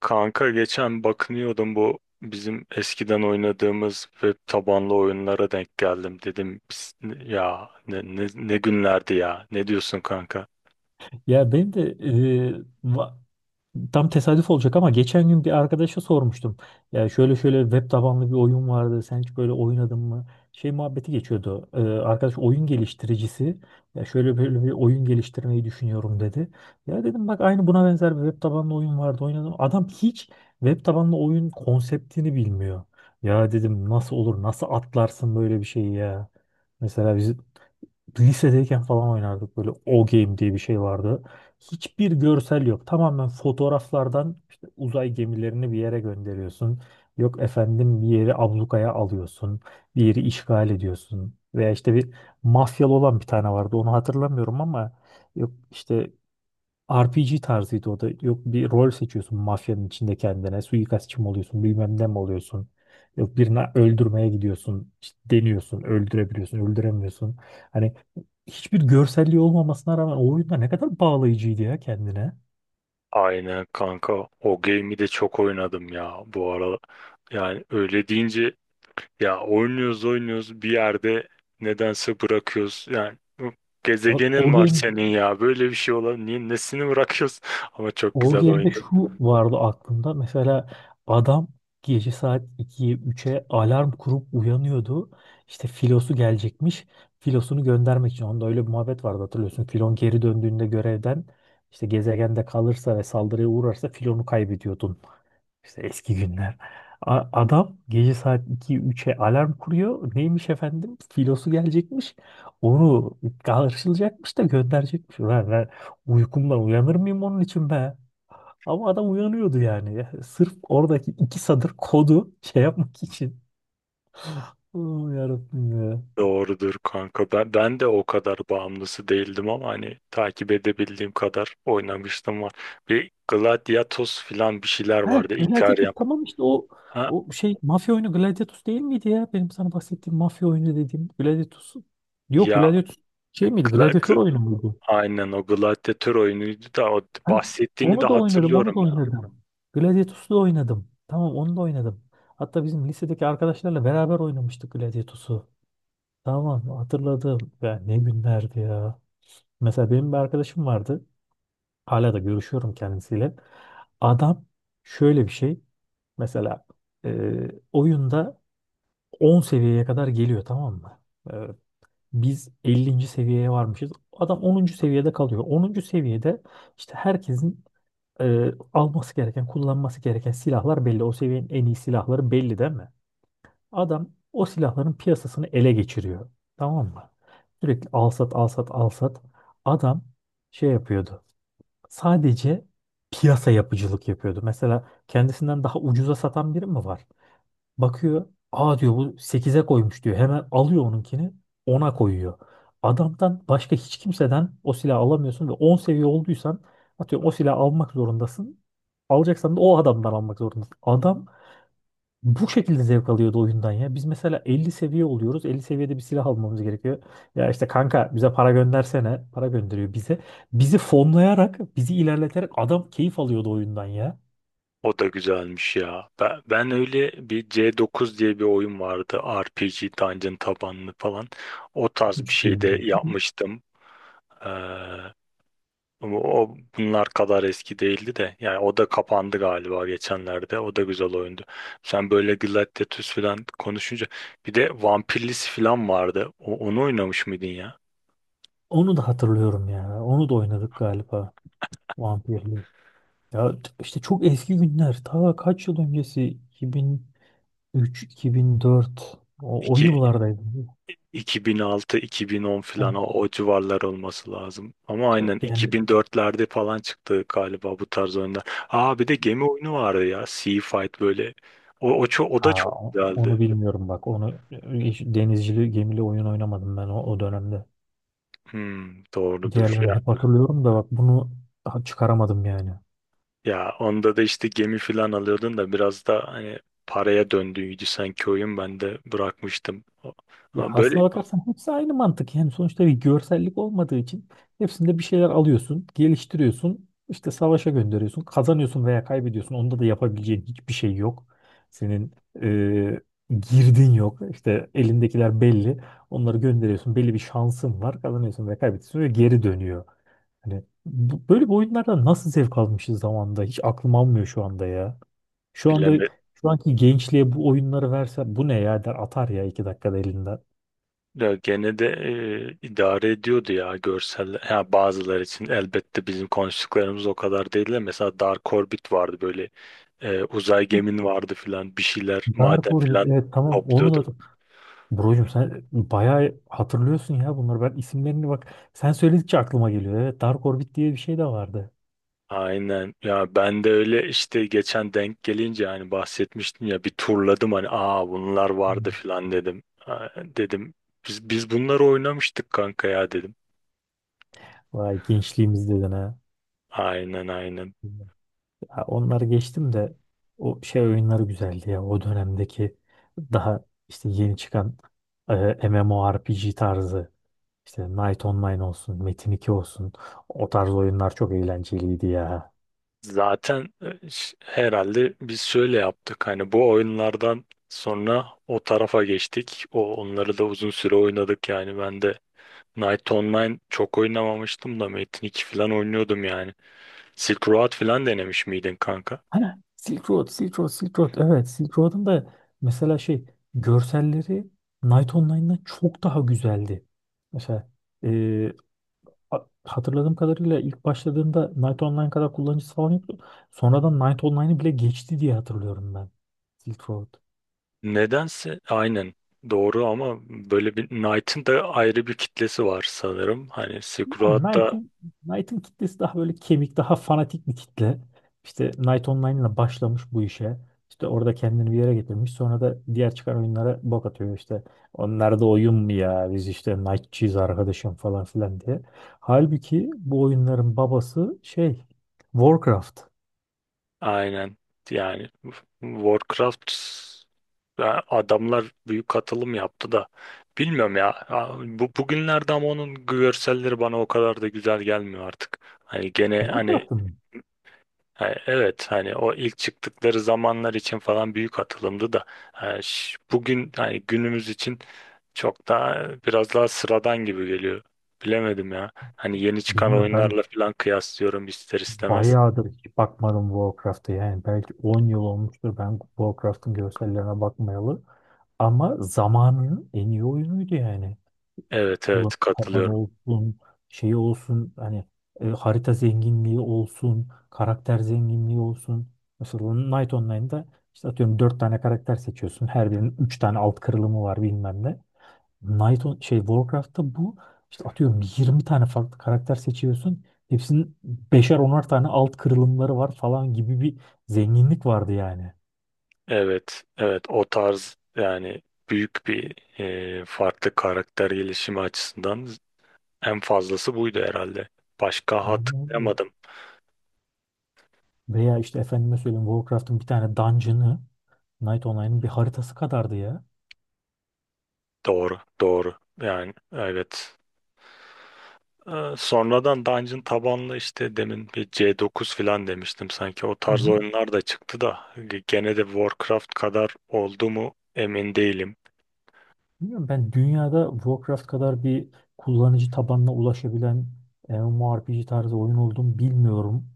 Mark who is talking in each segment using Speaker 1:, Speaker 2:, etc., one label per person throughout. Speaker 1: Kanka, geçen bakınıyordum, bu bizim eskiden oynadığımız web tabanlı oyunlara denk geldim, dedim ya ne günlerdi ya, ne diyorsun kanka?"
Speaker 2: Ya benim de tam tesadüf olacak ama geçen gün bir arkadaşa sormuştum. Ya şöyle şöyle web tabanlı bir oyun vardı. Sen hiç böyle oynadın mı? Şey muhabbeti geçiyordu. Arkadaş oyun geliştiricisi. Ya şöyle böyle bir oyun geliştirmeyi düşünüyorum dedi. Ya dedim bak aynı buna benzer bir web tabanlı oyun vardı, oynadım. Adam hiç web tabanlı oyun konseptini bilmiyor. Ya dedim nasıl olur, nasıl atlarsın böyle bir şeyi ya. Mesela biz lisedeyken falan oynardık, böyle O Game diye bir şey vardı. Hiçbir görsel yok. Tamamen fotoğraflardan işte uzay gemilerini bir yere gönderiyorsun. Yok efendim bir yeri ablukaya alıyorsun. Bir yeri işgal ediyorsun. Veya işte bir mafyalı olan bir tane vardı. Onu hatırlamıyorum ama yok işte RPG tarzıydı o da. Yok bir rol seçiyorsun mafyanın içinde kendine. Suikastçı mı oluyorsun, bilmem ne mi oluyorsun. Yok birini öldürmeye gidiyorsun. İşte deniyorsun, öldürebiliyorsun, öldüremiyorsun. Hani hiçbir görselliği olmamasına rağmen o oyunda ne kadar bağlayıcıydı ya kendine.
Speaker 1: Aynen kanka, o game'i de çok oynadım ya bu ara. Yani öyle deyince, ya oynuyoruz oynuyoruz bir yerde nedense bırakıyoruz yani. Bu
Speaker 2: O, o
Speaker 1: gezegenin var
Speaker 2: Game.
Speaker 1: senin ya, böyle bir şey olan, niye nesini bırakıyoruz ama çok
Speaker 2: O
Speaker 1: güzel
Speaker 2: geride
Speaker 1: oyundu.
Speaker 2: şu vardı aklımda. Mesela adam gece saat 2'ye üç'e alarm kurup uyanıyordu. İşte filosu gelecekmiş. Filosunu göndermek için. Onda öyle bir muhabbet vardı, hatırlıyorsun. Filon geri döndüğünde görevden işte gezegende kalırsa ve saldırıya uğrarsa filonu kaybediyordun. İşte eski günler. Adam gece saat 2 üç'e alarm kuruyor. Neymiş efendim? Filosu gelecekmiş. Onu karşılayacakmış da gönderecekmiş. Ulan ben uykumdan uyanır mıyım onun için be? Ama adam uyanıyordu yani. Ya sırf oradaki iki sadır kodu şey yapmak için. Oh, yarabbim ya.
Speaker 1: Doğrudur kanka. Ben de o kadar bağımlısı değildim ama hani takip edebildiğim kadar oynamıştım var. Bir Gladiatos filan bir şeyler
Speaker 2: Heh,
Speaker 1: vardı.
Speaker 2: Gladiatus
Speaker 1: Ikariam.
Speaker 2: tamam işte. o
Speaker 1: Ha,
Speaker 2: o şey mafya oyunu Gladiatus değil miydi ya? Benim sana bahsettiğim mafya oyunu dediğim Gladiatus. Yok
Speaker 1: ya
Speaker 2: Gladiatus şey miydi?
Speaker 1: gla,
Speaker 2: Gladiator
Speaker 1: gl-
Speaker 2: oyunu muydu?
Speaker 1: aynen o gladyatör oyunuydu da o
Speaker 2: Heh,
Speaker 1: bahsettiğini de
Speaker 2: onu da oynadım, onu da
Speaker 1: hatırlıyorum ya.
Speaker 2: oynadım. Gladiatus'u da oynadım. Tamam, onu da oynadım. Hatta bizim lisedeki arkadaşlarla beraber oynamıştık Gladiatus'u. Tamam, hatırladım. Ya ne günlerdi ya. Mesela benim bir arkadaşım vardı. Hala da görüşüyorum kendisiyle. Adam şöyle bir şey. Mesela e, oyunda 10 seviyeye kadar geliyor, tamam mı? E, Biz 50. seviyeye varmışız. Adam onuncu seviyede kalıyor. Onuncu seviyede işte herkesin alması gereken, kullanması gereken silahlar belli. O seviyenin en iyi silahları belli değil mi? Adam o silahların piyasasını ele geçiriyor. Tamam mı? Sürekli al sat, al sat, al sat. Adam şey yapıyordu. Sadece piyasa yapıcılık yapıyordu. Mesela kendisinden daha ucuza satan biri mi var? Bakıyor, aa diyor bu sekize koymuş diyor. Hemen alıyor onunkini, ona koyuyor. Adamdan başka hiç kimseden o silahı alamıyorsun ve 10 seviye olduysan atıyorum o silahı almak zorundasın. Alacaksan da o adamdan almak zorundasın. Adam bu şekilde zevk alıyordu oyundan ya. Biz mesela 50 seviye oluyoruz. Elli seviyede bir silah almamız gerekiyor. Ya işte kanka bize para göndersene. Para gönderiyor bize. Bizi fonlayarak, bizi ilerleterek adam keyif alıyordu oyundan ya.
Speaker 1: O da güzelmiş ya. Ben öyle bir C9 diye bir oyun vardı. RPG Dungeon tabanlı falan. O tarz bir
Speaker 2: Hiç
Speaker 1: şey de
Speaker 2: duymadım.
Speaker 1: yapmıştım. Ee, ama o bunlar kadar eski değildi de. Yani o da kapandı galiba geçenlerde. O da güzel oyundu. Sen böyle Gladiatus falan konuşunca bir de Vampirlisi falan vardı. Onu oynamış mıydın ya?
Speaker 2: Onu da hatırlıyorum ya. Onu da oynadık galiba. Vampirli. İşte çok eski günler. Ta kaç yıl öncesi? 2003, 2004. O, o
Speaker 1: İki
Speaker 2: yıllardaydı.
Speaker 1: 2006-2010
Speaker 2: Ha.
Speaker 1: falan, o civarlar olması lazım. Ama aynen
Speaker 2: Yani.
Speaker 1: 2004'lerde falan çıktı galiba bu tarz oyunlar. Aa, bir de gemi oyunu vardı ya. Sea Fight böyle. O da
Speaker 2: Aa,
Speaker 1: çok
Speaker 2: onu
Speaker 1: güzeldi.
Speaker 2: bilmiyorum bak. Onu hiç denizcili gemili oyun oynamadım ben o dönemde.
Speaker 1: Hmm, doğrudur.
Speaker 2: Diğerlerini hep hatırlıyorum da bak bunu daha çıkaramadım yani.
Speaker 1: Ya onda da işte gemi falan alıyordun da biraz da hani paraya döndüğüydü sanki oyun. Ben de bırakmıştım.
Speaker 2: Ya
Speaker 1: Ama böyle
Speaker 2: aslına bakarsan hepsi aynı mantık. Yani sonuçta bir görsellik olmadığı için hepsinde bir şeyler alıyorsun, geliştiriyorsun, işte savaşa gönderiyorsun, kazanıyorsun veya kaybediyorsun. Onda da yapabileceğin hiçbir şey yok. Senin eee, girdin yok. İşte elindekiler belli. Onları gönderiyorsun. Belli bir şansın var. Kazanıyorsun veya kaybediyorsun ve geri dönüyor. Hani böyle bir oyunlardan nasıl zevk almışız zamanında, hiç aklım almıyor şu anda ya. Şu anda
Speaker 1: bilemedim.
Speaker 2: şu anki gençliğe bu oyunları verse, bu ne ya der, atar ya iki dakikada elinden.
Speaker 1: Ya gene de idare ediyordu ya görseller. Ha, bazıları için elbette bizim konuştuklarımız o kadar değil de, mesela Dark Orbit vardı böyle, uzay gemin vardı filan, bir şeyler
Speaker 2: Dark
Speaker 1: maden
Speaker 2: Orbit,
Speaker 1: filan
Speaker 2: evet tamam
Speaker 1: topluyordun.
Speaker 2: onu da. Brocum sen bayağı hatırlıyorsun ya bunları, ben isimlerini bak sen söyledikçe aklıma geliyor. Evet Dark Orbit diye bir şey de vardı.
Speaker 1: Aynen ya, ben de öyle işte. Geçen denk gelince hani bahsetmiştim ya, bir turladım, hani aa bunlar vardı
Speaker 2: Hmm.
Speaker 1: filan dedim. Ha, dedim biz bunları oynamıştık kanka ya dedim.
Speaker 2: Vay, gençliğimiz dedin ha.
Speaker 1: Aynen aynen.
Speaker 2: Ha, onları geçtim de o şey oyunları güzeldi ya. O dönemdeki daha işte yeni çıkan MMORPG tarzı, işte Knight Online olsun, Metin 2 olsun, o tarz oyunlar çok eğlenceliydi ya.
Speaker 1: Zaten herhalde biz şöyle yaptık. Hani bu oyunlardan sonra o tarafa geçtik. O onları da uzun süre oynadık yani. Ben de Night Online çok oynamamıştım da Metin 2 falan oynuyordum yani. Silk Road falan denemiş miydin kanka?
Speaker 2: Ha, Silk Road, Silk Road, Silk Road. Evet, Silk Road'un da mesela şey görselleri Knight Online'dan çok daha güzeldi. Mesela hatırladığım kadarıyla ilk başladığında Knight Online kadar kullanıcısı falan yoktu. Sonradan Knight Online'ı bile geçti diye hatırlıyorum ben. Silk Road.
Speaker 1: Nedense aynen doğru, ama böyle bir Knight'ın da ayrı bir kitlesi var sanırım. Hani Silk
Speaker 2: Yani
Speaker 1: Road da
Speaker 2: Knight'ın kitlesi daha böyle kemik, daha fanatik bir kitle. İşte Knight Online'la başlamış bu işe. İşte orada kendini bir yere getirmiş. Sonra da diğer çıkan oyunlara bok atıyor işte. Onlar da oyun mu ya? Biz işte Knight'çıyız arkadaşım falan filan diye. Halbuki bu oyunların babası şey, Warcraft.
Speaker 1: aynen yani Warcraft. Ya adamlar büyük katılım yaptı da bilmiyorum ya. Ya bu bugünlerde ama onun görselleri bana o kadar da güzel gelmiyor artık. Hani gene hani,
Speaker 2: Warcraft'ın mı?
Speaker 1: hani evet, hani o ilk çıktıkları zamanlar için falan büyük atılımdı da bugün, hani günümüz için, çok daha biraz daha sıradan gibi geliyor. Bilemedim ya. Hani yeni çıkan
Speaker 2: Bilmiyorum ben.
Speaker 1: oyunlarla falan kıyaslıyorum ister istemez.
Speaker 2: Bayağıdır hiç bakmadım Warcraft'a, yani belki 10 yıl olmuştur ben Warcraft'ın görsellerine bakmayalı. Ama zamanının en iyi oyunuydu yani.
Speaker 1: Evet
Speaker 2: Kullanım
Speaker 1: evet,
Speaker 2: tabanı
Speaker 1: katılıyorum.
Speaker 2: olsun, şeyi olsun, hani harita zenginliği olsun, karakter zenginliği olsun. Mesela Knight Online'da işte atıyorum 4 tane karakter seçiyorsun. Her birinin 3 tane alt kırılımı var bilmem ne. Knight on, şey Warcraft'ta bu işte atıyorum 20 tane farklı karakter seçiyorsun. Hepsinin beşer onar tane alt kırılımları var falan gibi bir zenginlik vardı yani.
Speaker 1: Evet, evet, o tarz yani, büyük bir farklı karakter gelişimi açısından en fazlası buydu herhalde. Başka
Speaker 2: Aynen öyle.
Speaker 1: hatırlayamadım.
Speaker 2: Veya işte efendime söyleyeyim Warcraft'ın bir tane dungeon'ı Night Online'ın bir haritası kadardı ya.
Speaker 1: Doğru, doğru. Yani evet. Sonradan Dungeon tabanlı, işte demin bir C9 falan demiştim sanki. O
Speaker 2: Hı
Speaker 1: tarz
Speaker 2: hı.
Speaker 1: oyunlar da çıktı da gene de Warcraft kadar oldu mu emin değilim.
Speaker 2: Bilmiyorum ben, dünyada Warcraft kadar bir kullanıcı tabanına ulaşabilen MMORPG tarzı oyun olduğunu bilmiyorum.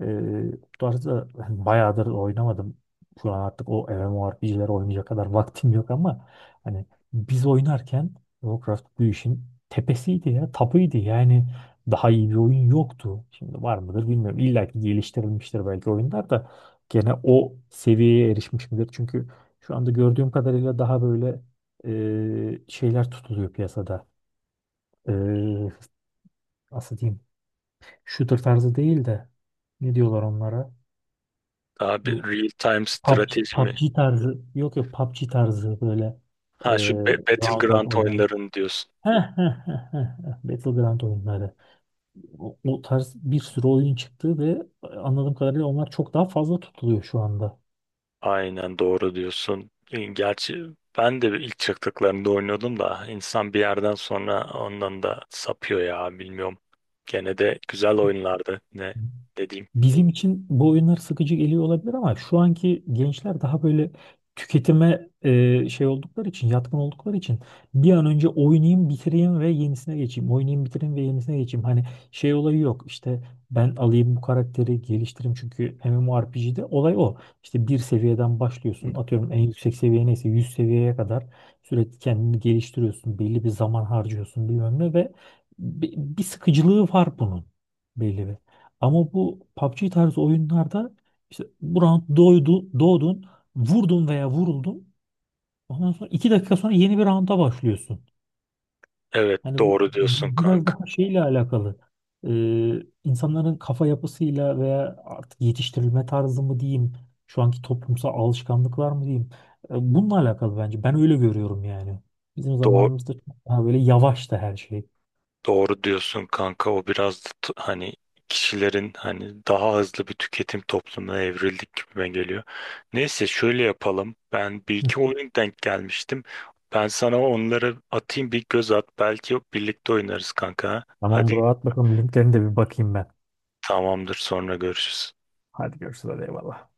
Speaker 2: Bu tarzda hani bayağıdır oynamadım. Şu an artık o MMORPG'ler oynayacak kadar vaktim yok ama hani biz oynarken Warcraft bu işin tepesiydi ya, tapıydı. Yani daha iyi bir oyun yoktu. Şimdi var mıdır bilmiyorum. İlla ki geliştirilmiştir belki oyunlar da gene o seviyeye erişmiş midir? Çünkü şu anda gördüğüm kadarıyla daha böyle şeyler tutuluyor piyasada. E, Nasıl diyeyim? Shooter tarzı değil de ne diyorlar onlara?
Speaker 1: Daha bir
Speaker 2: Bu
Speaker 1: real time
Speaker 2: PUBG,
Speaker 1: strateji mi?
Speaker 2: PUBG tarzı. Yok yok, PUBG tarzı böyle e,
Speaker 1: Ha şu
Speaker 2: round var
Speaker 1: Battleground
Speaker 2: oynanan.
Speaker 1: oyunlarını diyorsun.
Speaker 2: Heh, heh, heh, heh, heh. Battleground oyunları. O, o tarz bir sürü oyun çıktı ve anladığım kadarıyla onlar çok daha fazla tutuluyor şu anda.
Speaker 1: Aynen doğru diyorsun. Gerçi ben de ilk çıktıklarında oynuyordum da insan bir yerden sonra ondan da sapıyor ya, bilmiyorum. Gene de güzel oyunlardı ne dediğim.
Speaker 2: Bizim için bu oyunlar sıkıcı geliyor olabilir ama şu anki gençler daha böyle tüketime şey oldukları için, yatkın oldukları için bir an önce oynayayım, bitireyim ve yenisine geçeyim. Oynayayım, bitireyim ve yenisine geçeyim. Hani şey olayı yok. İşte ben alayım bu karakteri, geliştireyim çünkü MMORPG'de olay o. İşte bir seviyeden başlıyorsun. Atıyorum en yüksek seviye neyse 100 seviyeye kadar sürekli kendini geliştiriyorsun. Belli bir zaman harcıyorsun bilmem ne ve bir sıkıcılığı var bunun, belli bir. Ama bu PUBG tarzı oyunlarda işte bu round doydu, doğdun, vurdun veya vuruldun. Ondan sonra iki dakika sonra yeni bir rounda başlıyorsun.
Speaker 1: Evet
Speaker 2: Hani bu
Speaker 1: doğru diyorsun
Speaker 2: biraz
Speaker 1: kanka.
Speaker 2: daha şeyle alakalı. İnsanların kafa yapısıyla veya artık yetiştirilme tarzı mı diyeyim, şu anki toplumsal alışkanlıklar mı diyeyim. Bununla alakalı bence. Ben öyle görüyorum yani. Bizim
Speaker 1: Doğ-
Speaker 2: zamanımızda çok daha böyle yavaştı her şey.
Speaker 1: Doğru diyorsun kanka, o biraz da hani kişilerin, hani daha hızlı bir tüketim toplumuna evrildik gibime geliyor. Neyse, şöyle yapalım. Ben bir
Speaker 2: Hı.
Speaker 1: iki oyun denk gelmiştim. Ben sana onları atayım, bir göz at. Belki birlikte oynarız kanka.
Speaker 2: Tamam
Speaker 1: Hadi
Speaker 2: bro, at bakalım linklerine de bir bakayım ben.
Speaker 1: tamamdır, sonra görüşürüz.
Speaker 2: Hadi görüşürüz, hadi eyvallah.